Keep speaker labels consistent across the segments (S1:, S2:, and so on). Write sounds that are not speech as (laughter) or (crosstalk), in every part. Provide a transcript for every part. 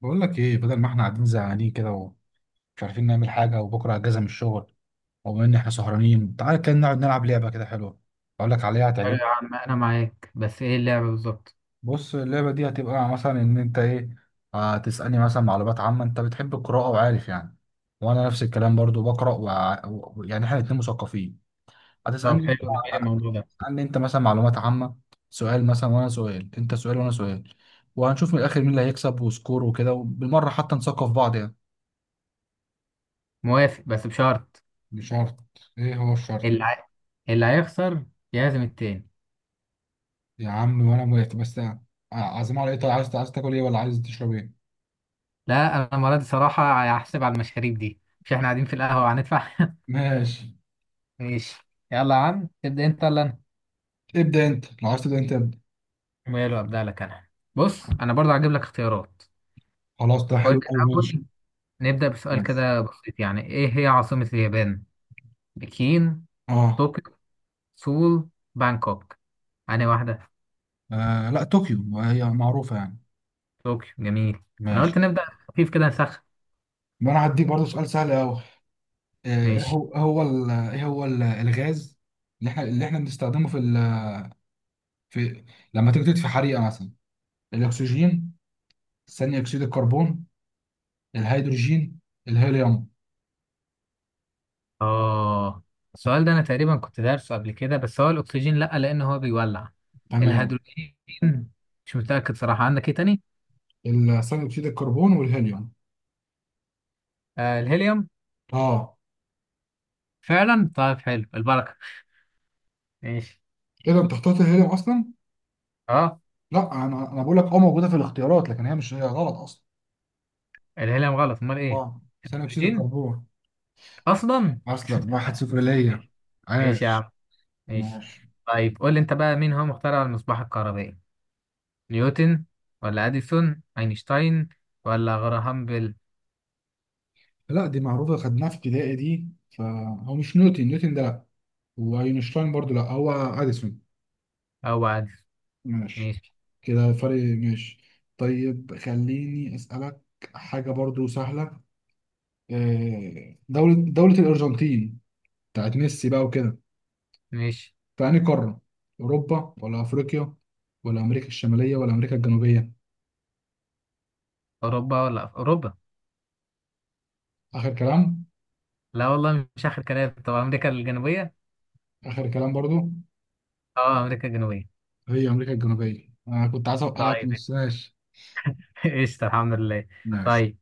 S1: بقول لك ايه بدل ما احنا قاعدين زهقانين كده ومش عارفين نعمل حاجه وبكره اجازه من الشغل وبما ان احنا سهرانين تعالى كده نقعد نلعب لعبه كده حلوه اقول لك عليها
S2: حلو
S1: هتعجبك.
S2: يا عم، انا معاك، بس ايه اللعبة بالظبط؟
S1: بص اللعبه دي هتبقى مثلا ان انت ايه هتسالني مثلا معلومات عامه، انت بتحب القراءه وعارف يعني وانا نفس الكلام برضو بقرا يعني احنا الاتنين مثقفين.
S2: طب
S1: هتسالني،
S2: حلو. (laughs) جميل الموضوع ده.
S1: هتسالني انت مثلا معلومات عامه، سؤال مثلا وانا سؤال، انت سؤال وانا سؤال، وهنشوف من الاخر مين اللي هيكسب وسكور وكده وبالمره حتى نثقف بعض يعني.
S2: موافق بس بشرط.
S1: مش شرط، ايه هو الشرط؟
S2: اللي عاي... اللي هيخسر يعزم التاني.
S1: يا عم وانا موافق بس عازم على ايه؟ طيب عايز عايز تاكل ايه ولا عايز تشرب ايه؟
S2: لا، انا المرة دي صراحة هحسب على المشاريب دي. مش احنا قاعدين في القهوة وهندفع؟ (laughs)
S1: ماشي.
S2: ماشي، يلا يا عم تبدأ انت ولا
S1: ابدا انت، لو عايز تبدا انت ابدا.
S2: انا؟ ويلا ابدأ لك انا. بص انا برضه هجيب لك اختيارات.
S1: خلاص ده
S2: قول
S1: حلو
S2: لي
S1: قوي، ماشي.
S2: الاول. نبدأ بسؤال
S1: ماشي.
S2: كده بسيط، يعني ايه هي عاصمة اليابان؟ بكين؟
S1: اه.
S2: طوكيو؟ سول؟ بانكوك؟ أنهي واحدة؟
S1: آه، لا طوكيو هي معروفه يعني.
S2: طوكيو، جميل. انا قلت
S1: ماشي.
S2: نبدأ خفيف كده نسخن.
S1: ما انا هديك برضه سؤال سهل قوي. ايه
S2: ماشي.
S1: هو إيه هو ال- ايه هو ال- الغاز اللي احنا بنستخدمه في في لما تيجي تطفي حريقه مثلا؟ الاكسجين، ثاني اكسيد الكربون، الهيدروجين، الهيليوم؟
S2: اه، السؤال ده انا تقريبا كنت دارسه قبل كده، بس هو الاكسجين لا لان هو بيولع.
S1: تمام.
S2: الهيدروجين. مش متاكد صراحه، عندك ايه تاني؟
S1: ثاني اكسيد الكربون والهيليوم.
S2: آه الهيليوم،
S1: اه.
S2: فعلا. طيب حلو، البركه. ماشي.
S1: ايه ده انت اخترت الهيليوم اصلا؟
S2: اه.
S1: لا انا بقول لك اه، موجوده في الاختيارات لكن هي مش، هي غلط اصلا.
S2: الهيليوم غلط، امال ايه؟
S1: واو، ثاني اكسيد
S2: الهيدروجين
S1: الكربون.
S2: اصلا.
S1: اصلا واحد صفر ليا،
S2: ماشي يا عم،
S1: عاش.
S2: ماشي.
S1: ماشي.
S2: طيب قول لي انت بقى، مين هو مخترع المصباح الكهربائي؟ نيوتن، ولا اديسون، اينشتاين، ولا غراهام بيل؟
S1: لا دي معروفه، خدناها في ابتدائي دي، فهو مش نيوتن، نيوتن ده لا، واينشتاين برضو لا، هو اديسون.
S2: او اديسون.
S1: ماشي.
S2: ماشي.
S1: كده فرق، ماشي. طيب خليني اسالك حاجه برضو سهله. آه، دولة الأرجنتين بتاعت ميسي بقى وكده،
S2: ماشي.
S1: في أنهي قارة؟ أوروبا ولا أفريقيا ولا أمريكا الشمالية ولا أمريكا الجنوبية؟
S2: اوروبا، ولا اوروبا.
S1: آخر كلام؟
S2: لا والله، مش آخر كلام. طب أمريكا الجنوبية؟
S1: آخر كلام برضو.
S2: أه أمريكا الجنوبية.
S1: هي أمريكا الجنوبية، أنا كنت عايز أوقعك
S2: طيب.
S1: بس، ماشي.
S2: (laughs) قشطة، الحمد لله.
S1: ماشي.
S2: طيب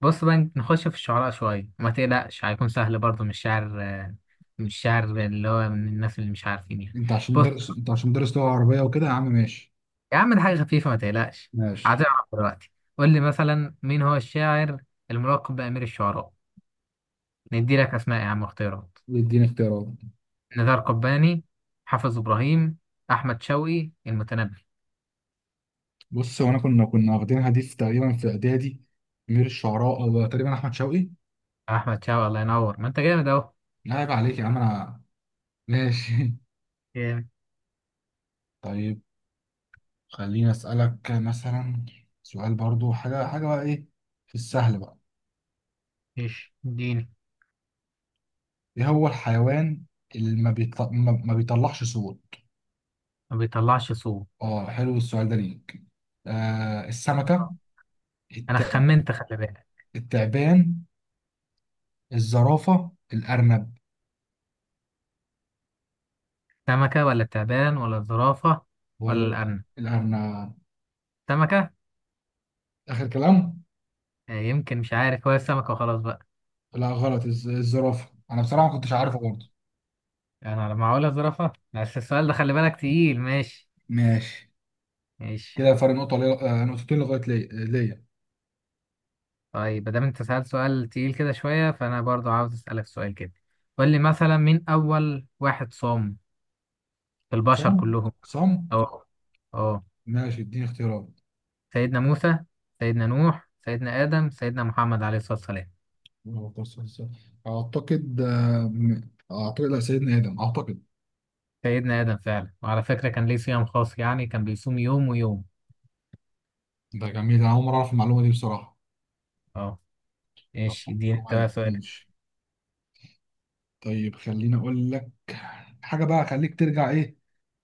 S2: بص بقى، نخش في الشعراء شوية، وما تقلقش هيكون سهل برضه. مش شعر، مش شعر اللي هو من الناس اللي مش عارفين يعني.
S1: أنت عشان
S2: بص
S1: مدرس، أنت عشان مدرس لغة عربية وكده يا عم، ماشي.
S2: يا عم، ده حاجة خفيفة ما تقلقش.
S1: ماشي،
S2: هتعرف دلوقتي. قول لي مثلا، مين هو الشاعر الملقب بأمير الشعراء؟ ندي لك أسماء يا عم، اختيارات.
S1: ويديني اختيارات.
S2: نزار قباني، حافظ إبراهيم، أحمد شوقي، المتنبي.
S1: بص هو أنا كنا واخدينها دي في تقريبا في إعدادي، أمير الشعراء، أو تقريبا أحمد شوقي.
S2: أحمد شوقي، الله ينور، ما أنت جامد أهو.
S1: لا عيب عليك يا عم أنا. ماشي. (laughs) طيب خليني أسألك مثلا سؤال برضو حاجة، حاجة بقى إيه، في السهل بقى.
S2: ايش اديني.
S1: ايه هو الحيوان اللي ما بيطلعش صوت؟
S2: ما بيطلعش صوت.
S1: اه حلو السؤال ده ليك. آه، السمكة،
S2: انا
S1: الت...
S2: خمنت، خلي بالك.
S1: التعبان، الزرافة، الأرنب؟
S2: سمكة ولا التعبان ولا الزرافة ولا
S1: ولا
S2: الأرنب؟
S1: الأرنب؟
S2: سمكة.
S1: آخر كلام.
S2: يمكن مش عارف، هو السمكة وخلاص بقى.
S1: لا غلط، الزرافة، أنا بصراحة ما كنتش عارفه برضه.
S2: يعني انا لما هقولها زرافة، بس السؤال ده خلي بالك تقيل. ماشي.
S1: ماشي.
S2: ماشي.
S1: كده فرق نقطة لي... آه، نقطتين لغاية، ليا ليا.
S2: طيب ما دام انت سألت سؤال تقيل كده شوية، فانا برضو عاوز اسألك سؤال كده. قول لي مثلا، مين اول واحد صام في
S1: صم
S2: البشر كلهم؟
S1: صم
S2: اه، اه.
S1: ماشي اديني اختيارات.
S2: سيدنا موسى، سيدنا نوح، سيدنا آدم، سيدنا محمد عليه الصلاة والسلام.
S1: أعتقد أعتقد لا، سيدنا آدم أعتقد.
S2: سيدنا آدم فعلا، وعلى فكرة كان ليه صيام خاص، يعني كان بيصوم يوم ويوم.
S1: ده جميل، أنا أول مرة أعرف المعلومة دي بصراحة.
S2: اه.
S1: طب
S2: ماشي، دي انت
S1: كويس،
S2: بقى سؤالك.
S1: ماشي. طيب خليني اقول لك حاجه بقى، خليك ترجع ايه،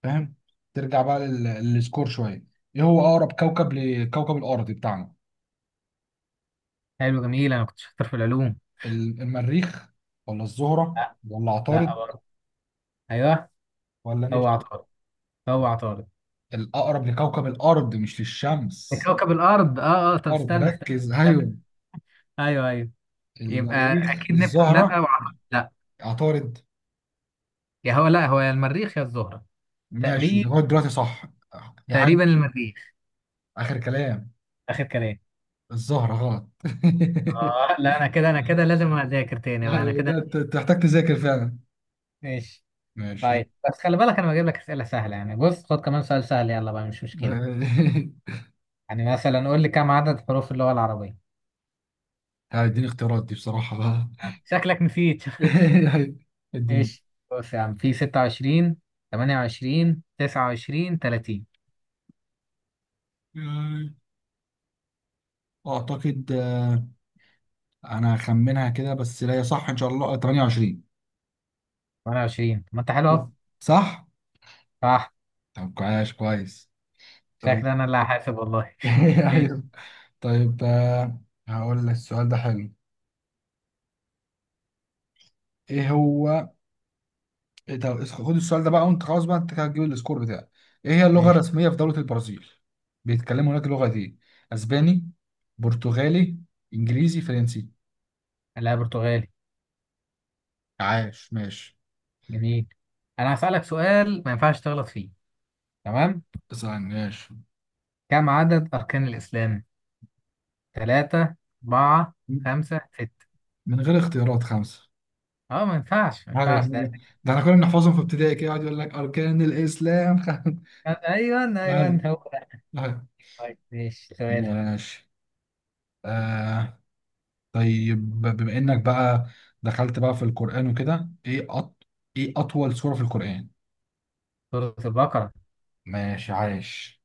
S1: فاهم، ترجع بقى للسكور شويه. ايه هو اقرب كوكب لكوكب الارض بتاعنا؟
S2: حلو، جميل، انا كنت شاطر في العلوم.
S1: المريخ ولا الزهره
S2: لا.
S1: ولا عطارد
S2: لا برضه. ايوه.
S1: ولا
S2: هو
S1: نبتون؟
S2: عطارد. هو عطارد.
S1: الاقرب لكوكب الارض مش
S2: ده
S1: للشمس.
S2: كوكب الارض. اه اه، طب
S1: الارض،
S2: استنى استنى
S1: ركز،
S2: استنى.
S1: ايوه.
S2: ايوه ايوه. يبقى
S1: المريخ،
S2: اكيد نبتون لا،
S1: الزهره.
S2: وعطارد لا.
S1: عطارد.
S2: يا هو لا، هو يا المريخ يا الزهرة.
S1: ماشي
S2: تقريبا.
S1: لغايه دلوقتي صح. يا عم.
S2: تقريبا المريخ.
S1: اخر كلام.
S2: اخر كلام.
S1: الزهره غلط. (laughs)
S2: اه لا، انا كده، انا كده لازم اذاكر تاني بقى، انا
S1: ايوه
S2: كده.
S1: ده تحتاج تذاكر فعلا.
S2: ماشي.
S1: ماشي.
S2: طيب بس خلي بالك انا بجيب لك اسئله سهله، يعني بص خد كمان سؤال سهل، يلا بقى مش مشكله.
S1: (laughs)
S2: يعني مثلا قول لي، كم عدد حروف اللغة العربية؟
S1: هيديني اختيارات دي بصراحة بقى.
S2: شكلك نسيت.
S1: (laughs)
S2: (laughs)
S1: الدين.
S2: ايش؟ بص يا عم، في 26، 28، 29، 30.
S1: يعني أعتقد، آه، أنا هخمنها كده بس، لا هي صح إن شاء الله 28.
S2: 28؟ ما انت حلو اهو.
S1: صح؟
S2: صح؟
S1: طب كويس كويس. طيب.
S2: شكلي انا اللي هحاسب والله. (laughs)
S1: (laughs)
S2: ماشي.
S1: ايوه. طيب، آه، هقول لك السؤال ده حلو. إيه هو، إيه، طب خد السؤال ده بقى وأنت خلاص بقى، أنت كده هتجيب السكور بتاعك. إيه هي اللغة
S2: ماشي.
S1: الرسمية في دولة البرازيل؟ بيتكلموا هناك لغة دي، أسباني، برتغالي، إنجليزي، فرنسي؟
S2: لا، برتغالي.
S1: عاش، ماشي.
S2: جميل. انا هسألك سؤال ما ينفعش تغلط فيه، تمام؟
S1: تسعة عن ماشي.
S2: كم عدد اركان الاسلام؟ 3، 4، 5، 6؟
S1: من غير اختيارات، خمسة.
S2: اه ما ينفعش، ما
S1: أيوة
S2: ينفعش
S1: إحنا-
S2: ده.
S1: ده احنا كنا بنحفظهم في ابتدائي كده، يقعد يقول لك أركان الإسلام. (laughs)
S2: ايوه
S1: أيوة،
S2: ايوه، هو ده.
S1: أيوة.
S2: طيب ماشي، سؤالك.
S1: ماشي. آه. طيب بما إنك بقى دخلت بقى في القرآن وكده، إيه إيه أطول سورة في القرآن؟
S2: سورة البقرة.
S1: ماشي عايش.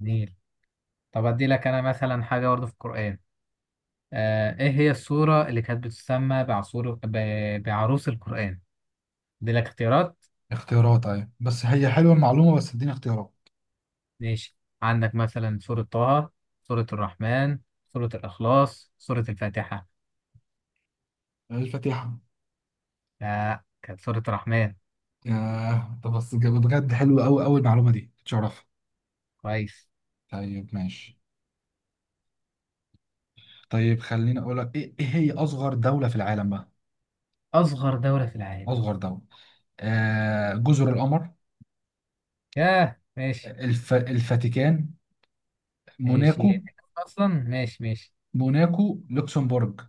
S2: جميل. طب أدي لك أنا مثلا حاجة برضه في القرآن. آه، إيه هي السورة اللي كانت بتسمى بعروس القرآن؟ أدي لك اختيارات.
S1: اختيارات أيوة، بس هي حلوة المعلومة، بس اديني اختيارات.
S2: ماشي، عندك مثلا سورة طه، سورة الرحمن، سورة الإخلاص، سورة الفاتحة.
S1: الفاتحة.
S2: لا، كانت سورة الرحمن.
S1: آه، طب بس بجد حلوة أوي أوي المعلومة دي، تشرف.
S2: كويس.
S1: طيب، ماشي. طيب خليني اقول لك ايه، إيه هي اصغر دولة في العالم بقى؟
S2: أصغر دولة في العالم.
S1: اصغر دولة. آه، جزر القمر،
S2: ياه، ماشي.
S1: الفاتيكان،
S2: ماشي، هي
S1: موناكو.
S2: دي أصلا. ماشي ماشي.
S1: موناكو، لوكسمبورج.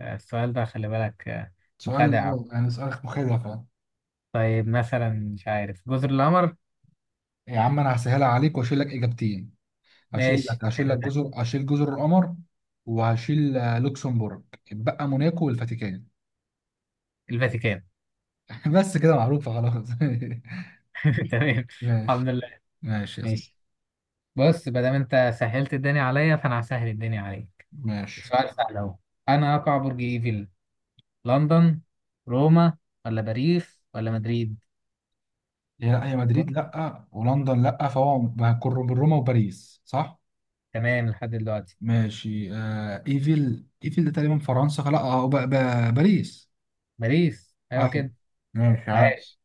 S2: السؤال ده خلي بالك.
S1: سؤال،
S2: مخادع.
S1: اه يعني، سؤال مخيف يعني.
S2: طيب مثلا مش عارف، جزر القمر.
S1: يا عم انا هسهلها عليك واشيل لك اجابتين. هشيل
S2: ماشي،
S1: لك هشيل
S2: حلو
S1: لك
S2: ده.
S1: جزر هشيل جزر القمر، وهشيل آه، لوكسمبورج، اتبقى موناكو والفاتيكان.
S2: الفاتيكان.
S1: (laughs) بس كده معروفة، خلاص.
S2: (laughs) تمام.
S1: (laughs) ماشي.
S2: الحمد لله.
S1: ماشي يا اسطى.
S2: ماشي. بص، ما دام انت سهلت الدنيا عليا، فانا هسهل الدنيا عليك.
S1: ماشي.
S2: سؤال سهل اهو. انا اقع برج ايفل؟ لندن، روما، ولا باريس، ولا مدريد؟
S1: هي لا، هي
S2: و-
S1: مدريد لا ولندن لا، فهو هيكون روما وباريس صح.
S2: تمام لحد دلوقتي.
S1: ماشي. آه ايفل، ايفل ده تقريبا فرنسا، لا اه باريس.
S2: باريس، ايوه
S1: عارف،
S2: كده.
S1: ماشي، عارف.
S2: عاش.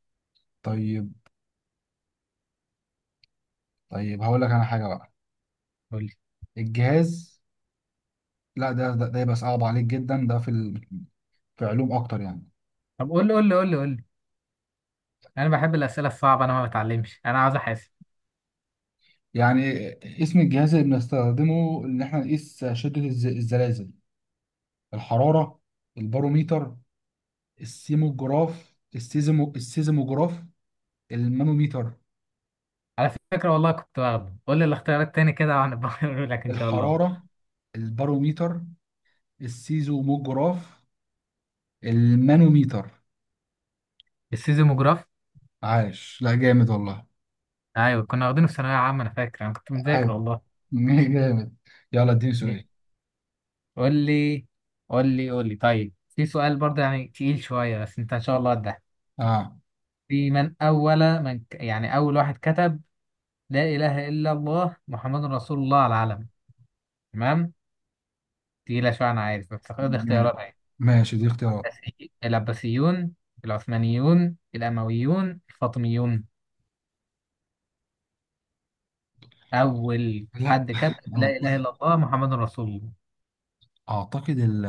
S1: طيب. طيب هقول لك انا حاجه بقى.
S2: قول لي.
S1: الجهاز. لا ده يبقى صعب عليك جدا، ده في في علوم اكتر يعني.
S2: طب قول لي، قول لي، قول لي، قول لي. انا بحب الاسئله الصعبه. انا ما بتعلمش، انا عاوز احاسب.
S1: يعني اسم الجهاز اللي بنستخدمه ان احنا نقيس شده الزلازل؟ الحراره، الباروميتر، السيموجراف، السيزمو، السيزموجراف، المانوميتر.
S2: على فكره والله كنت واخده. قول لي الاختيارات تاني كده، وهنبقى (laughs) نقول لك ان شاء الله.
S1: الحراره، الباروميتر، السيزوموجراف، المانوميتر.
S2: السيزموجراف.
S1: عايش، لا جامد والله.
S2: ايوه، كنا واخدينه في ثانويه عامه. انا فاكر انا كنت مذاكر
S1: ايوه.
S2: والله.
S1: (laughs) جامد. يلا اديني سؤال.
S2: قول لي، قول لي، قول لي. طيب في سؤال برضه يعني تقيل شوية، بس انت ان شاء الله ده.
S1: اه.
S2: في، من اول من ك- يعني اول واحد كتب لا اله الا الله محمد رسول الله على العلم، تمام؟ تقيلة شوية انا عارف، بس خد
S1: ما-
S2: اختيارات اهي.
S1: ماشي دي اختيارات.
S2: العباسيون، العثمانيون، الامويون، الفاطميون. اول
S1: لا
S2: حد كتب لا اله
S1: اعتقد،
S2: الا الله محمد رسول الله؟
S1: أعتقد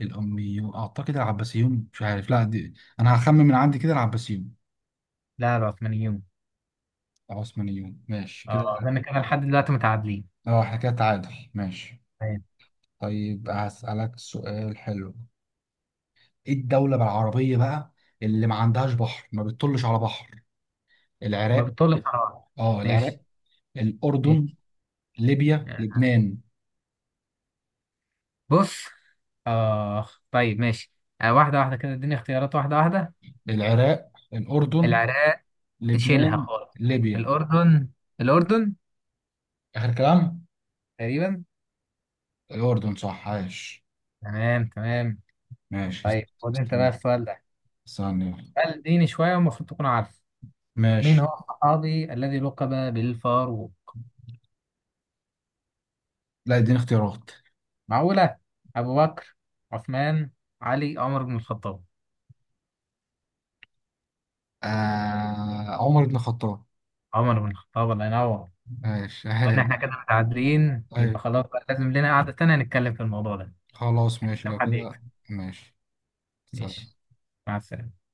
S1: الاميون اعتقد، العباسيون مش عارف لا دي، انا هخمن من عندي كده العباسيون.
S2: لا، العثمانيون.
S1: العثمانيون، ماشي كده.
S2: اه، ده انا كده لحد دلوقتي متعادلين.
S1: اه احنا كده تعادل، ماشي.
S2: تمام.
S1: طيب هسألك سؤال حلو. ايه الدولة بالعربية بقى اللي ما عندهاش بحر، ما بتطلش على بحر؟
S2: ما
S1: العراق.
S2: بتطول القرار.
S1: اه العراق،
S2: ماشي.
S1: الأردن،
S2: ماشي.
S1: ليبيا، لبنان.
S2: بص. آه، طيب ماشي. آه، واحدة واحدة كده، اديني اختيارات واحدة واحدة.
S1: العراق، الأردن،
S2: العراق. شيلها
S1: لبنان،
S2: خالص.
S1: ليبيا.
S2: الأردن. الأردن.
S1: آخر كلام.
S2: تقريبا.
S1: الأردن صح، عايش.
S2: تمام تمام.
S1: ماشي.
S2: طيب خد انت بقى
S1: استنى
S2: السؤال ده.
S1: ثانية.
S2: سؤال ديني شوية، والمفروض تكون عارف. مين
S1: ماشي.
S2: هو الصحابي الذي لقب بالفاروق؟
S1: لا اديني اختيارات.
S2: معقولة. أبو بكر، عثمان، علي، عمر بن الخطاب؟
S1: آه، عمر بن الخطاب.
S2: عمر بن الخطاب، الله ينور.
S1: ماشي
S2: قلنا احنا كده
S1: عايش.
S2: متعادلين، يبقى
S1: أيوة،
S2: خلاص بقى لازم لنا قعدة تانية نتكلم في الموضوع ده.
S1: خلاص ماشي
S2: كم
S1: لو
S2: حد يكسب.
S1: كده. ماشي،
S2: ماشي.
S1: سلام.
S2: مع السلامة.